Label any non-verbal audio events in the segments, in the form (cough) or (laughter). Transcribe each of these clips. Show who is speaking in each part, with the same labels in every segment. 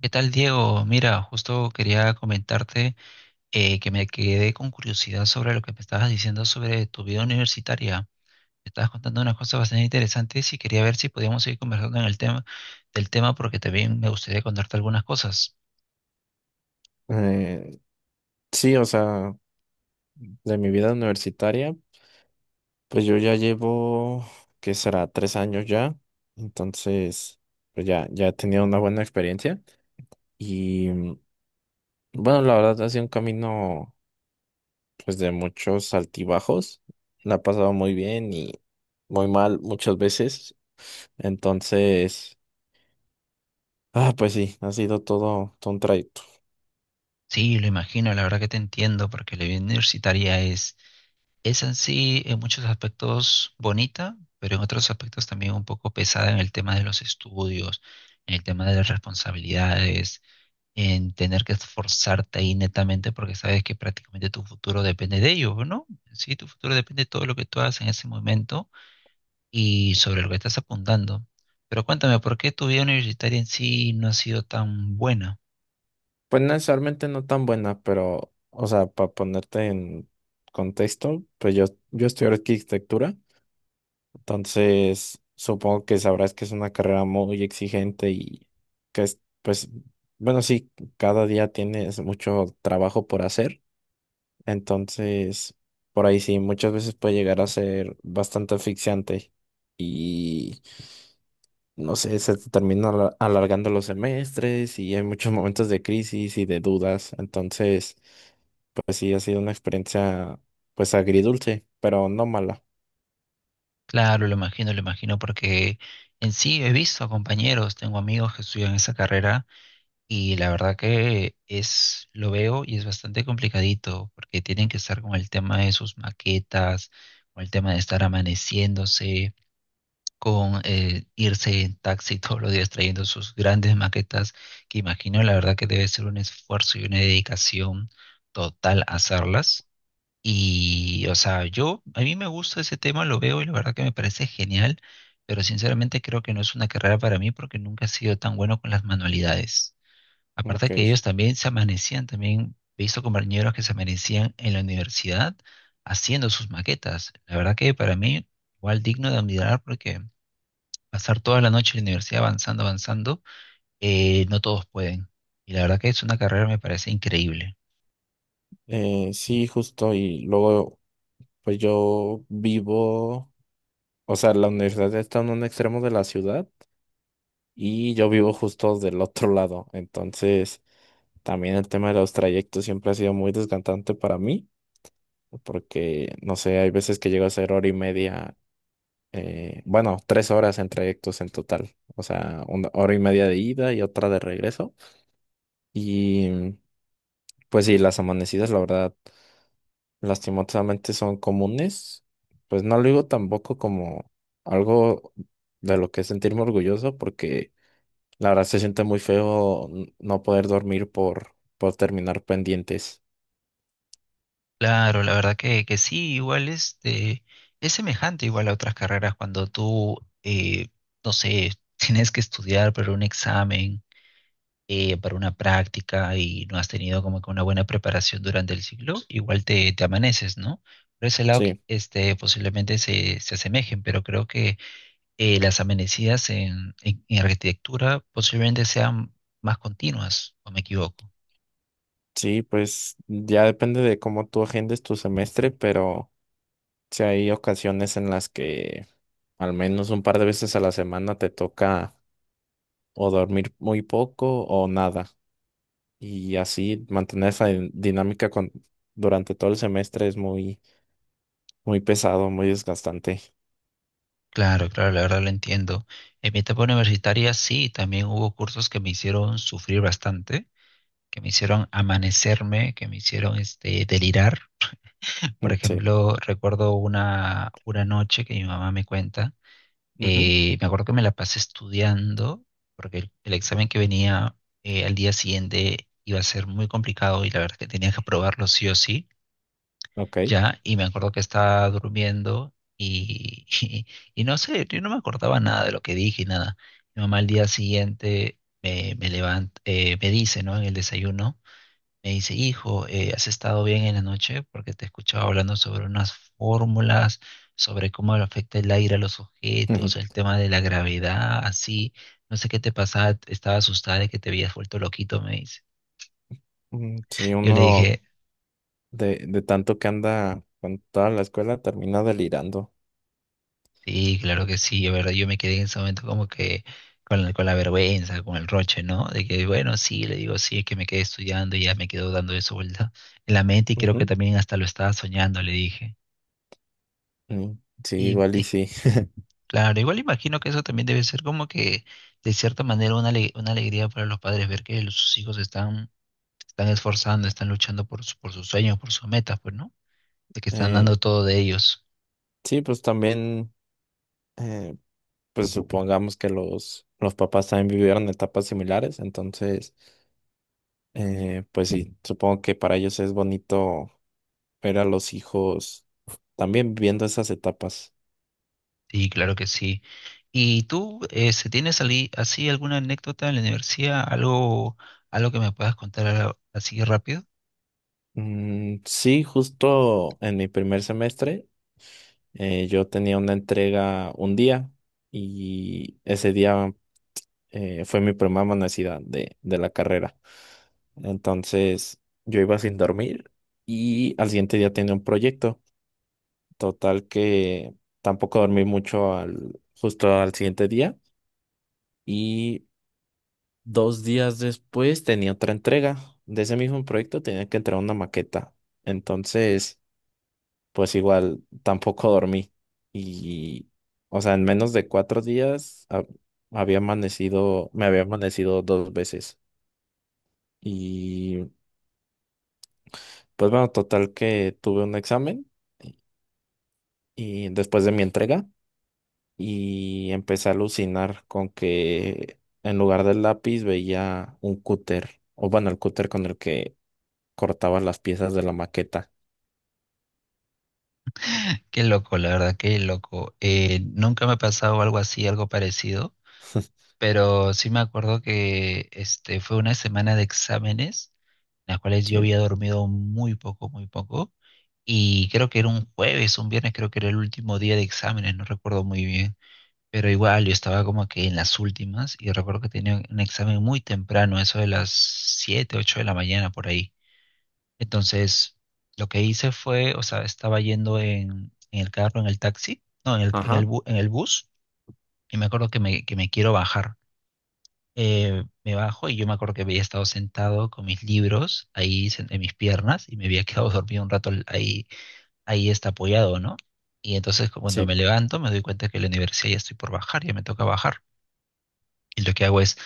Speaker 1: ¿Qué tal, Diego? Mira, justo quería comentarte que me quedé con curiosidad sobre lo que me estabas diciendo sobre tu vida universitaria. Me estabas contando unas cosas bastante interesantes y quería ver si podíamos seguir conversando en el tema del tema porque también me gustaría contarte algunas cosas.
Speaker 2: Eh, sí, o sea, de mi vida universitaria, pues yo ya llevo, ¿qué será? 3 años ya. Entonces, pues ya, ya he tenido una buena experiencia. Y bueno, la verdad ha sido un camino, pues de muchos altibajos. La he pasado muy bien y muy mal muchas veces. Entonces, pues sí, ha sido todo un trayecto.
Speaker 1: Sí, lo imagino, la verdad que te entiendo porque la vida universitaria es en sí en muchos aspectos bonita, pero en otros aspectos también un poco pesada en el tema de los estudios, en el tema de las responsabilidades en tener que esforzarte ahí netamente porque sabes que prácticamente tu futuro depende de ello, ¿no? Sí, tu futuro depende de todo lo que tú hagas en ese momento y sobre lo que estás apuntando. Pero cuéntame, ¿por qué tu vida universitaria en sí no ha sido tan buena?
Speaker 2: Pues necesariamente no tan buena, pero, o sea, para ponerte en contexto, pues yo estudié arquitectura, entonces supongo que sabrás que es una carrera muy exigente y que es, pues, bueno, sí, cada día tienes mucho trabajo por hacer, entonces, por ahí sí, muchas veces puede llegar a ser bastante asfixiante. No sé, se te termina alargando los semestres y hay muchos momentos de crisis y de dudas. Entonces, pues sí, ha sido una experiencia, pues agridulce, pero no mala.
Speaker 1: Claro, lo imagino, porque en sí he visto a compañeros, tengo amigos que estudian esa carrera y la verdad que es, lo veo y es bastante complicadito porque tienen que estar con el tema de sus maquetas, con el tema de estar amaneciéndose con irse en taxi (laughs) todos los días trayendo sus grandes maquetas, que imagino la verdad que debe ser un esfuerzo y una dedicación total hacerlas. Y, o sea, yo, a mí me gusta ese tema, lo veo y la verdad que me parece genial, pero sinceramente creo que no es una carrera para mí porque nunca he sido tan bueno con las manualidades. Aparte que
Speaker 2: Ok.
Speaker 1: ellos también se amanecían, también he visto compañeros que se amanecían en la universidad haciendo sus maquetas. La verdad que para mí, igual digno de admirar porque pasar toda la noche en la universidad avanzando, avanzando, no todos pueden. Y la verdad que es una carrera me parece increíble.
Speaker 2: Sí, justo. Y luego, pues yo vivo, o sea, la universidad está en un extremo de la ciudad y yo vivo justo del otro lado. Entonces, también el tema de los trayectos siempre ha sido muy desgastante para mí, porque, no sé, hay veces que llego a ser hora y media, bueno, 3 horas en trayectos en total, o sea, una hora y media de ida y otra de regreso. Y pues sí, las amanecidas, la verdad, lastimosamente son comunes. Pues no lo digo tampoco como algo de lo que sentirme orgulloso, porque la verdad se siente muy feo no poder dormir por terminar pendientes.
Speaker 1: Claro, la verdad que sí, igual este, es semejante igual a otras carreras cuando tú, no sé, (laughs) tienes que estudiar para un examen, para una práctica y no has tenido como que una buena preparación durante el ciclo, te amaneces, ¿no? Por ese lado,
Speaker 2: Sí,
Speaker 1: este, posiblemente se asemejen, pero creo que las amenidades en arquitectura posiblemente sean más continuas, o me equivoco.
Speaker 2: sí, pues ya depende de cómo tú agendes tu semestre, pero... Si hay ocasiones en las que al menos un par de veces a la semana te toca o dormir muy poco o nada. Y así mantener esa dinámica durante todo el semestre es muy, muy pesado, muy desgastante.
Speaker 1: Claro, claro, la verdad lo entiendo. En mi etapa universitaria sí, también hubo cursos que me hicieron sufrir bastante, que me hicieron amanecerme, que me hicieron este, delirar. Por
Speaker 2: Mm, sí.
Speaker 1: ejemplo, recuerdo una noche que mi mamá me cuenta,
Speaker 2: Ujú.
Speaker 1: me acuerdo que me la pasé estudiando, porque el examen que venía al día siguiente iba a ser muy complicado y la verdad que tenía que aprobarlo sí o sí.
Speaker 2: Ok.
Speaker 1: Ya, y me acuerdo que estaba durmiendo y no sé, yo no me acordaba nada de lo que dije y nada. Mi mamá al día siguiente me levanta, me dice, ¿no? En el desayuno, me dice, hijo, ¿has estado bien en la noche? Porque te escuchaba hablando sobre unas fórmulas, sobre cómo le afecta el aire a los
Speaker 2: Ujú.
Speaker 1: objetos, el tema de la gravedad, así. No sé qué te pasaba, estaba asustada de que te habías vuelto loquito, me dice.
Speaker 2: Mm, sí,
Speaker 1: Yo le
Speaker 2: uno
Speaker 1: dije,
Speaker 2: de tanto que anda con toda la escuela termina delirando.
Speaker 1: sí, claro que sí, es verdad, yo me quedé en ese momento como que con la vergüenza, con el roche, ¿no? De que, bueno, sí, le digo, sí, es que me quedé estudiando y ya me quedo dando eso vuelta en la mente y creo que
Speaker 2: Ujú.
Speaker 1: también hasta lo estaba soñando, le dije.
Speaker 2: Mm, sí,
Speaker 1: Y,
Speaker 2: igual y
Speaker 1: y,
Speaker 2: sí.
Speaker 1: claro, igual imagino que eso también debe ser como que, de cierta manera, una alegría para los padres ver que sus hijos están, están esforzando, están luchando por, por sus sueños, por sus metas, pues, ¿no? De que están
Speaker 2: Eh,
Speaker 1: dando todo de ellos.
Speaker 2: sí, pues también. eh, pues supongamos que los papás también vivieron etapas similares, entonces, pues sí, supongo que para ellos es bonito ver a los hijos también viviendo esas etapas.
Speaker 1: Sí, claro que sí. ¿Y tú, se tienes así alguna anécdota en la universidad, algo, algo que me puedas contar así rápido?
Speaker 2: Mm, sí, justo en mi primer semestre, yo tenía una entrega un día y ese día fue mi primera monocida de la carrera. Entonces, yo iba sin dormir y al siguiente día tenía un proyecto. Total que tampoco dormí mucho justo al siguiente día y 2 días después tenía otra entrega de ese mismo proyecto, tenía que entregar una maqueta. Entonces, pues igual tampoco dormí y, o sea, en menos de 4 días había amanecido, me había amanecido 2 veces y pues bueno, total que tuve un examen y y después de mi entrega. Y empecé a alucinar con que en lugar del lápiz veía un cúter, o bueno, el cúter con el que cortaba las piezas de la maqueta.
Speaker 1: Qué loco, la verdad, qué loco. Nunca me ha pasado algo así, algo parecido,
Speaker 2: (laughs)
Speaker 1: pero sí me acuerdo que este fue una semana de exámenes, en las cuales yo
Speaker 2: Sí.
Speaker 1: había dormido muy poco, y creo que era un jueves, un viernes, creo que era el último día de exámenes, no recuerdo muy bien. Pero igual, yo estaba como que en las últimas y recuerdo que tenía un examen muy temprano, eso de las 7 u 8 de la mañana por ahí. Entonces, lo que hice fue, o sea, estaba yendo en el carro, en el taxi, no,
Speaker 2: Ajá,
Speaker 1: en el bus, y me acuerdo que que me quiero bajar. Me bajo y yo me acuerdo que había estado sentado con mis libros ahí en mis piernas y me había quedado (laughs) dormido un rato ahí, ahí está apoyado, ¿no? Y entonces cuando
Speaker 2: sí.
Speaker 1: me levanto me doy cuenta que la universidad ya estoy por bajar, ya me toca bajar. Y lo que hago es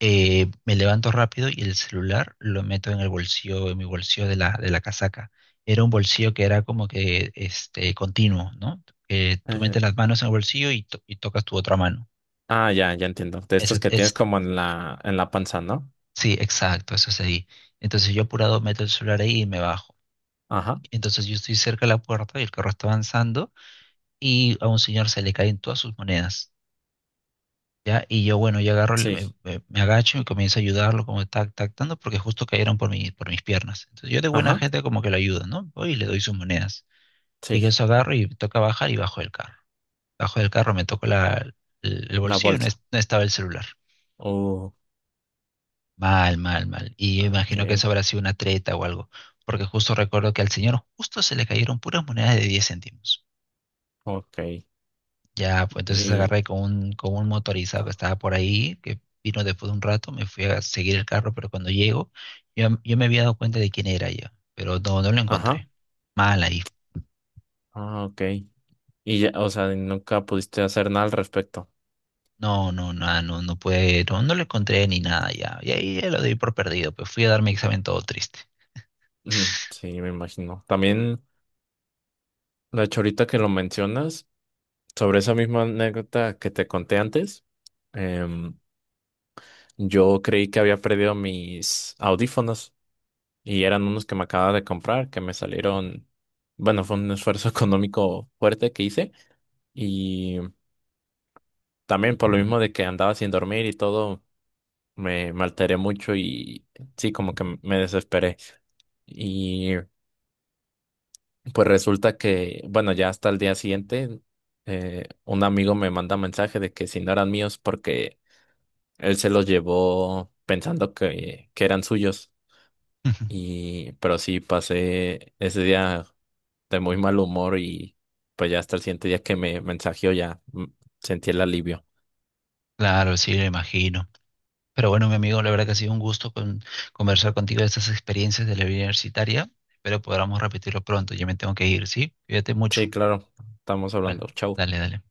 Speaker 1: me levanto rápido y el celular lo meto en el bolsillo, en mi bolsillo de la casaca. Era un bolsillo que era como que este, continuo, ¿no? Que tú
Speaker 2: Eh,
Speaker 1: metes las manos en el bolsillo y tocas tu otra mano.
Speaker 2: ya, ya entiendo. De estos
Speaker 1: Esa-
Speaker 2: que tienes
Speaker 1: es,
Speaker 2: como en la panza, ¿no?
Speaker 1: sí, exacto, eso es ahí. Entonces yo apurado meto el celular ahí y me bajo.
Speaker 2: Ajá,
Speaker 1: Entonces yo estoy cerca de la puerta y el carro está avanzando y a un señor se le caen todas sus monedas. ¿Ya? Y yo, bueno, yo agarro,
Speaker 2: sí.
Speaker 1: me agacho y comienzo a ayudarlo, como tac, tac, tanto, porque justo cayeron por mis piernas. Entonces yo de buena
Speaker 2: Ajá,
Speaker 1: gente como que lo ayudo, ¿no? Voy y le doy sus monedas. Y que
Speaker 2: sí.
Speaker 1: eso agarro y me toca bajar y bajo del carro. Bajo del carro, me toco el
Speaker 2: La
Speaker 1: bolsillo y no,
Speaker 2: bolsa.
Speaker 1: no estaba el celular.
Speaker 2: Uh,
Speaker 1: Mal, mal, mal. Y yo
Speaker 2: ok,
Speaker 1: imagino que eso habrá sido una treta o algo, porque justo recuerdo que al señor justo se le cayeron puras monedas de 10 céntimos.
Speaker 2: ok.
Speaker 1: Ya, pues entonces
Speaker 2: Y,
Speaker 1: agarré con un motorizado que estaba por ahí, que vino después de un rato, me fui a seguir el carro, pero cuando llego, yo me había dado cuenta de quién era ya, pero no lo
Speaker 2: ajá,
Speaker 1: encontré. Mal ahí.
Speaker 2: ok. Y ya, o sea, nunca pudiste hacer nada al respecto.
Speaker 1: No, no, nada, no pude, no lo encontré ni nada ya. Y ahí ya lo doy por perdido, pues fui a dar mi examen todo triste.
Speaker 2: Ujú, sí, me imagino. También. De hecho, ahorita que lo mencionas, sobre esa misma anécdota que te conté antes, em, yo creí que había perdido mis audífonos y eran unos que me acababa de comprar, que me salieron, bueno, fue un esfuerzo (laughs) económico fuerte que hice y también por lo mismo de que andaba sin dormir y todo, me alteré mucho y sí, como que me desesperé. Y pues resulta que, bueno, ya hasta el día siguiente, un amigo me manda mensaje de que si no eran míos porque él se los llevó pensando que eran suyos.
Speaker 1: (laughs)
Speaker 2: Y, pero sí, pasé ese día de muy mal humor y pues ya hasta el siguiente día que me mensajeó ya sentí el alivio.
Speaker 1: Claro, sí, lo imagino. Pero bueno, mi amigo, la verdad que ha sido un gusto conversar contigo de estas experiencias de la vida universitaria. Espero podamos repetirlo pronto. Ya me tengo que ir, ¿sí? Cuídate
Speaker 2: Sí,
Speaker 1: mucho.
Speaker 2: claro, estamos
Speaker 1: Vale,
Speaker 2: hablando. Chau.
Speaker 1: dale, dale.